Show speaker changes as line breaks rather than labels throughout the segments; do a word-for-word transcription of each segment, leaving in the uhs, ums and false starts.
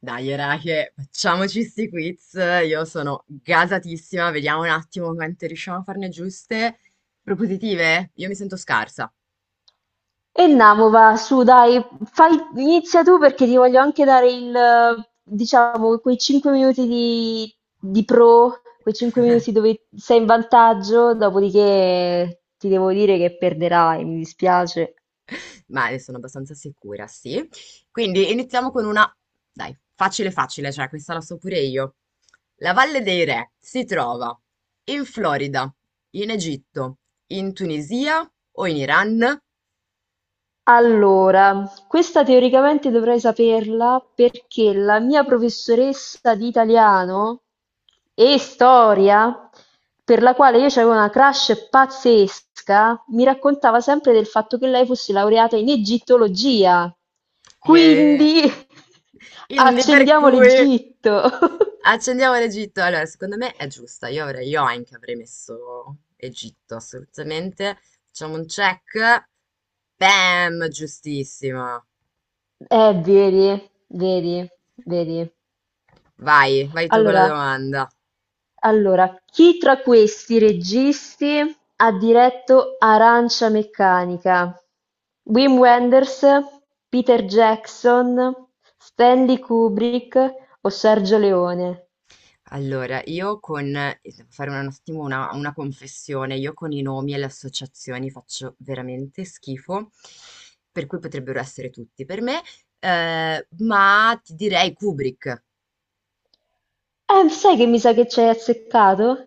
Dai, era che facciamoci sti quiz. Io sono gasatissima. Vediamo un attimo quante riusciamo a farne giuste. Propositive? Io mi sento scarsa,
E Namova, su dai, fai, inizia tu perché ti voglio anche dare il, eh, diciamo, quei cinque minuti di, di pro, quei cinque minuti dove sei in vantaggio, dopodiché ti devo dire che perderai, mi dispiace.
ma ne sono abbastanza sicura, sì. Quindi iniziamo con una, dai, facile facile, cioè questa la so pure io. La Valle dei Re si trova in Florida, in Egitto, in Tunisia o in Iran?
Allora, questa teoricamente dovrei saperla perché la mia professoressa di italiano e storia, per la quale io avevo una crush pazzesca, mi raccontava sempre del fatto che lei fosse laureata in egittologia.
E
Quindi
quindi per
accendiamo
cui
l'Egitto.
accendiamo l'Egitto. Allora, secondo me è giusta. Io avrei, io anche avrei messo Egitto, assolutamente. Facciamo un check. Bam, giustissima.
Eh, vedi, vedi, vedi.
Vai, vai tu con la
Allora,
domanda.
allora, chi tra questi registi ha diretto Arancia meccanica? Wim Wenders, Peter Jackson, Stanley Kubrick o Sergio Leone?
Allora, io con... Devo fare un attimo una, una confessione. Io con i nomi e le associazioni faccio veramente schifo, per cui potrebbero essere tutti per me. Eh, ma ti direi Kubrick.
Eh, sai che mi sa che ci hai azzeccato?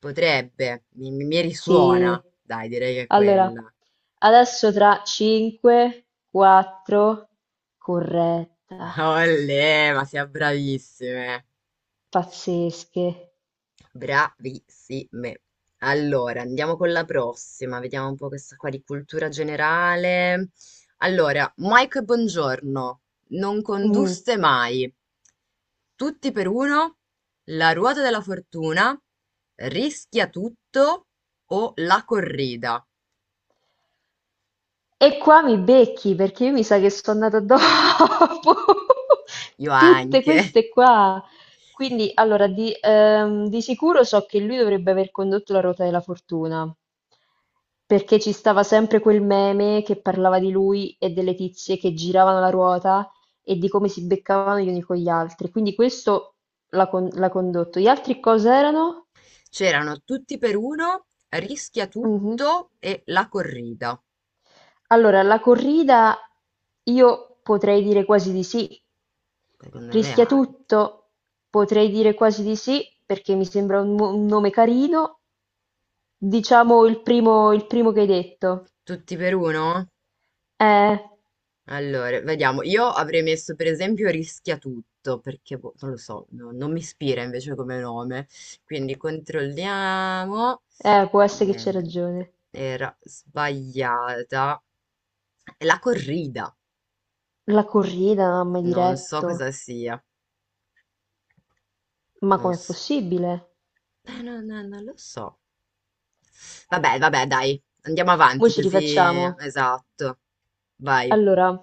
Potrebbe, mi, mi- mi
Sì.
risuona. Dai, direi che è
Allora,
quella.
adesso tra cinque, quattro, corretta,
Olè, ma siamo bravissime.
pazzesche.
Bravissime. Allora, andiamo con la prossima. Vediamo un po' questa qua di cultura generale. Allora, Mike, buongiorno. Non
Mm.
conduste mai. Tutti per uno. La ruota della fortuna. Rischia tutto o la corrida.
E qua mi becchi perché io mi sa che sono nata dopo
Io
tutte
anche.
queste qua. Quindi, allora, di, ehm, di sicuro so che lui dovrebbe aver condotto la ruota della fortuna, perché ci stava sempre quel meme che parlava di lui e delle tizie che giravano la ruota e di come si beccavano gli uni con gli altri. Quindi questo l'ha con- l'ha condotto. Gli altri cos'erano?
C'erano Tutti per uno, Rischia
Mhm.
tutto e La corrida.
Allora, la corrida io potrei dire quasi di sì.
Secondo me
Rischia
anche.
tutto? Potrei dire quasi di sì, perché mi sembra un, mo- un nome carino. Diciamo il primo, il primo che hai detto.
Tutti per uno?
Eh,
Allora, vediamo. Io avrei messo per esempio Rischia tutto, perché boh, non lo so, no- non mi ispira invece come nome. Quindi controlliamo.
eh, può essere che c'è
Niente,
ragione.
era sbagliata. La corrida.
La corrida non ha mai
Non so
diretto.
cosa sia.
Ma
Non
com'è
so.
possibile?
Eh, no, no, non lo so. Vabbè, vabbè, dai, andiamo
Mo'
avanti
ci
così.
rifacciamo.
Esatto. Vai.
Allora,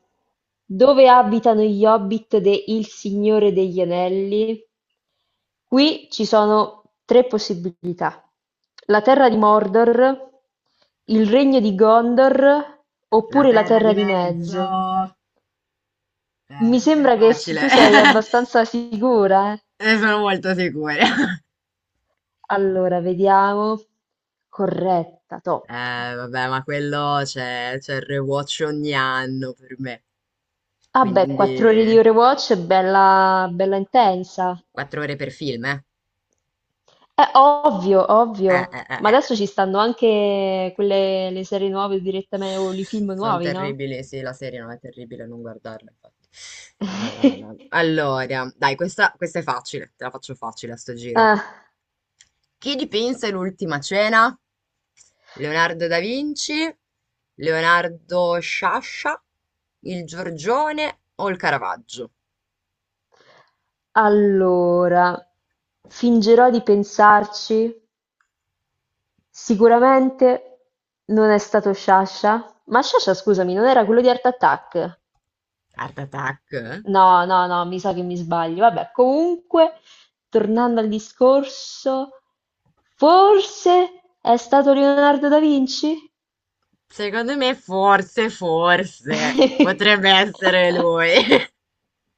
dove abitano gli Hobbit de Il Signore degli Anelli? Qui ci sono tre possibilità. La terra di Mordor, il regno di Gondor
La
oppure la
terra
terra
di
di mezzo.
mezzo. Eh,
Mi
questo è
sembra che s-
facile.
tu sei abbastanza sicura, eh?
Ne sono molto sicura.
Allora, vediamo. Corretta, top.
Eh, vabbè, ma quello c'è c'è il rewatch ogni anno per me.
Ah beh, quattro
Quindi
ore di Overwatch è bella, bella intensa.
quattro ore per film, eh?
Eh, ovvio,
Eh,
ovvio.
eh, eh,
Ma
eh.
adesso ci stanno anche quelle, le serie nuove direttamente, o i film
Sono
nuovi, no?
terribili, sì, la serie non è terribile, non guardarla, infatti. No, no, no, no, no. Allora, dai, questa, questa è facile, te la faccio facile a sto giro.
Ah,
Chi dipinse l'Ultima cena? Leonardo da Vinci, Leonardo Sciascia, il Giorgione o il Caravaggio?
allora, fingerò di pensarci. Sicuramente non è stato Sciascia. Ma Sciascia, scusami, non era quello di Art Attack?
Art Attack?
No, no, no, mi sa che mi sbaglio. Vabbè, comunque, tornando al discorso, forse è stato Leonardo da Vinci?
Secondo me forse, forse, potrebbe essere lui.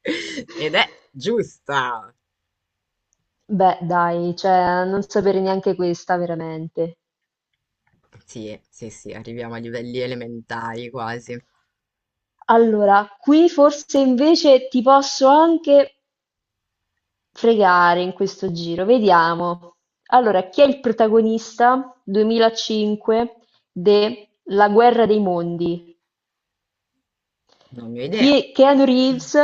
Ed è giusta.
Beh, dai, cioè, non sapere neanche questa, veramente.
Sì, sì, sì, arriviamo a livelli elementari quasi.
Allora, qui forse invece ti posso anche fregare in questo giro. Vediamo. Allora, chi è il protagonista duemilacinque de La guerra dei mondi?
Non ne ho idea.
Chi- Keanu Reeves,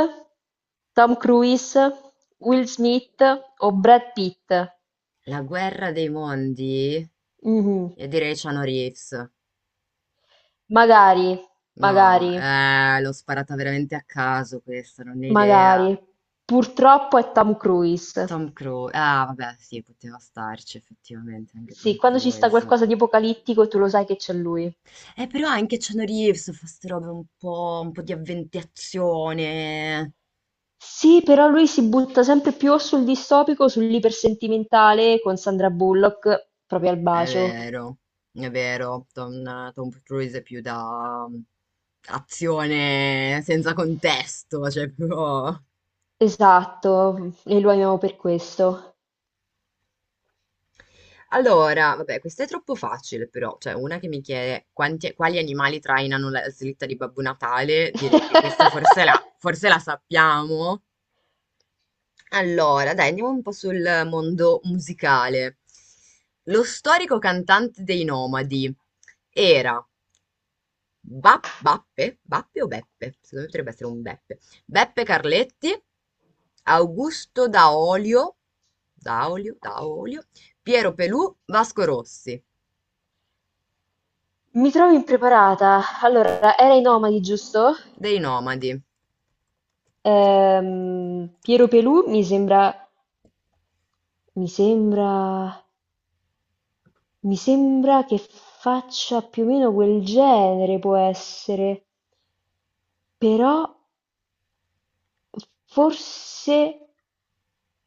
Tom Cruise, Will Smith o Brad Pitt?
La guerra dei mondi?
Mhm.
Io direi Keanu Reeves.
Magari,
No,
magari.
eh, l'ho sparata veramente a caso questa, non ne ho idea.
Magari, purtroppo è Tom Cruise.
Tom Cruise, ah vabbè, sì, poteva starci effettivamente anche
Sì,
Tom
quando ci sta
Cruise.
qualcosa di apocalittico tu lo sai che c'è lui.
Eh, però anche Keanu Reeves fa ste robe un po', un po' di avventazione.
Sì, però lui si butta sempre più o sul distopico, o sull'ipersentimentale con Sandra Bullock, proprio al
È
bacio.
vero, è vero, Tom, Tom Cruise è più da mm, azione senza contesto, cioè proprio.
Esatto, e lo amiamo per questo.
Allora, vabbè, questa è troppo facile però, cioè una che mi chiede quanti- quali animali trainano la slitta di Babbo Natale, direi che questa forse la, forse la sappiamo. Allora, dai, andiamo un po' sul mondo musicale. Lo storico cantante dei Nomadi era Ba- Bappe, Bappe o Beppe? Secondo me potrebbe essere un Beppe. Beppe Carletti, Augusto Daolio, Daolio, Daolio, Piero Pelù, Vasco Rossi.
Mi trovo impreparata. Allora, era i Nomadi, giusto?
Dei nomadi.
Ehm, Piero Pelù mi sembra... Mi sembra... Mi sembra che faccia più o meno quel genere, può essere, però forse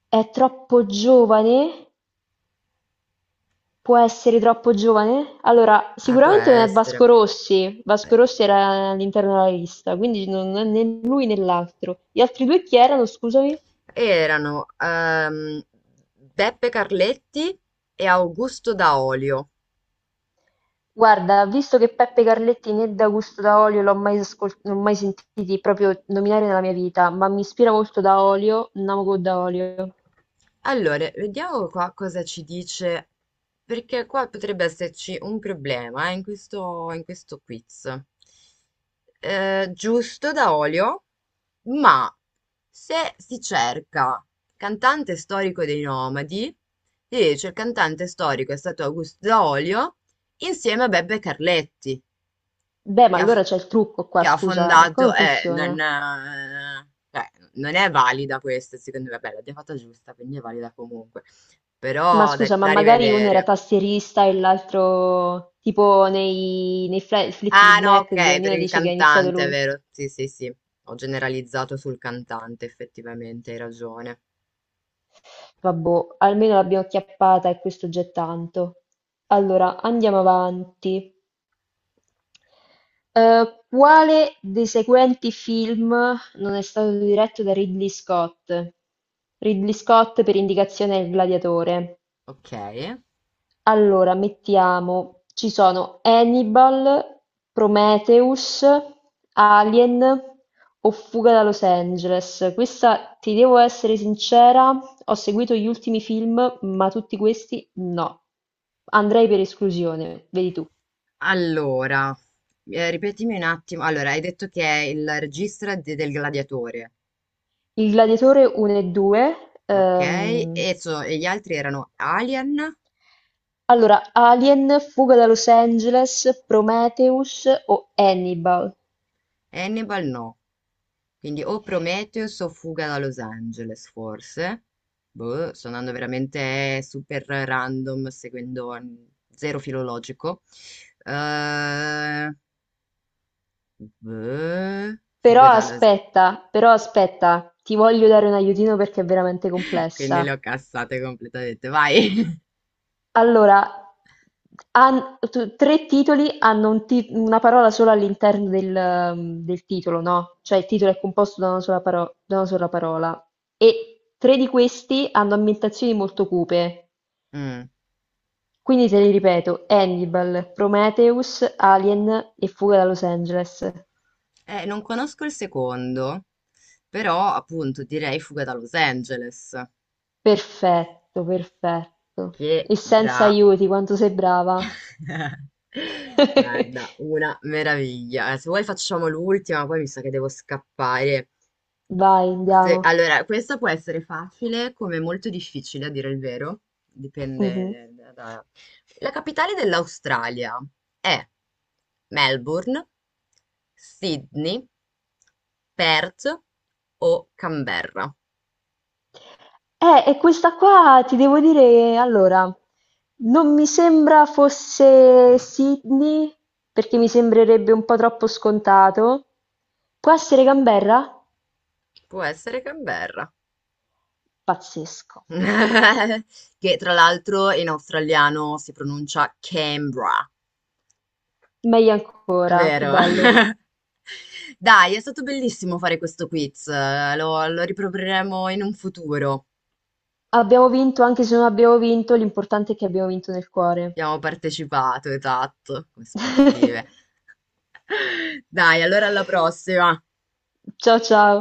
è troppo giovane? Può essere troppo giovane? Allora,
Eh, può
sicuramente non è Vasco
essere.
Rossi, Vasco
Eh,
Rossi era all'interno della lista, quindi non è né lui né l'altro. Gli altri due chi erano, scusami?
Erano ehm, Beppe Carletti e Augusto Daolio.
Guarda, visto che Peppe Carletti né D'Augusto da Olio l'ho mai, ascol- non ho mai sentiti proprio nominare nella mia vita, ma mi ispira molto da Olio, Namogo da Olio.
Allora, vediamo qua cosa ci dice, perché qua potrebbe esserci un problema eh, in questo, in questo quiz. Eh, giusto da olio, ma se si cerca cantante storico dei Nomadi, si dice il cantante storico è stato Augusto Daolio insieme a Beppe Carletti
Beh, ma
che ha f
allora c'è il trucco qua,
che ha
scusa, eh, come
fondato eh, non
funziona?
eh, cioè, non è valida questa secondo me. Vabbè, l'abbiamo fatta giusta, quindi è valida comunque.
Ma
Però da,
scusa, ma
da
magari uno era
rivedere.
tastierista e l'altro tipo nei, nei Fla-
Ah,
Fleetwood
no,
Mac, che
ok, per
ognuno
il
dice che ha iniziato
cantante, è
lui.
vero. Sì, sì, sì. Ho generalizzato sul cantante, effettivamente, hai ragione.
Vabbè, almeno l'abbiamo acchiappata e questo già è tanto. Allora, andiamo avanti. Eh, quale dei seguenti film non è stato diretto da Ridley Scott? Ridley Scott per indicazione è il gladiatore.
Ok.
Allora mettiamo, ci sono Hannibal, Prometheus, Alien o Fuga da Los Angeles. Questa, ti devo essere sincera, ho seguito gli ultimi film, ma tutti questi no. Andrei per esclusione, vedi tu.
Allora, eh, ripetimi un attimo. Allora, hai detto che è il regista de- del gladiatore,
Il Gladiatore uno e due.
ok?
ehm,
E, so- e gli altri erano Alien,
allora, Alien, Fuga da Los Angeles, Prometheus o Hannibal?
Hannibal, no. Quindi o Prometheus o Fuga da Los Angeles, forse. Boh, sto andando veramente super random, seguendo mm, zero filologico. Eh, boh,
Però
Fuga da Los...
aspetta, però aspetta, ti voglio dare un aiutino perché è veramente
Quindi le
complessa.
ho cassate completamente. Vai!
Allora, han- tu- tre titoli hanno un ti- una parola sola all'interno del, ehm, del titolo, no? Cioè il titolo è composto da una sola paro- da una sola parola. E tre di questi hanno ambientazioni molto cupe.
Mm.
Quindi te li ripeto, Hannibal, Prometheus, Alien e Fuga da Los Angeles.
Eh, non conosco il secondo, però appunto direi Fuga da Los Angeles.
Perfetto, perfetto.
Che
E senza
bravo!
aiuti, quanto sei brava.
Guarda, una meraviglia. Eh, Se vuoi facciamo l'ultima, poi mi sa che devo scappare.
Vai,
Se-
andiamo.
Allora, questa può essere facile come molto difficile, a dire il vero.
Mh-mh.
Dipende. da... da- La capitale dell'Australia è Melbourne, Sydney, Perth o Canberra?
Eh, e questa qua ti devo dire, allora, non mi sembra fosse Sydney, perché mi sembrerebbe un po' troppo scontato. Può essere Canberra?
Può essere Canberra.
Pazzesco.
Che tra l'altro in australiano si pronuncia Canberra.
Meglio ancora, più
Vero.
bello.
Dai, è stato bellissimo fare questo quiz, eh, lo, lo riproporremo in un futuro.
Abbiamo vinto, anche se non abbiamo vinto, l'importante è che abbiamo vinto nel cuore.
Abbiamo partecipato, esatto, come sportive. Dai, allora alla prossima.
Ciao ciao.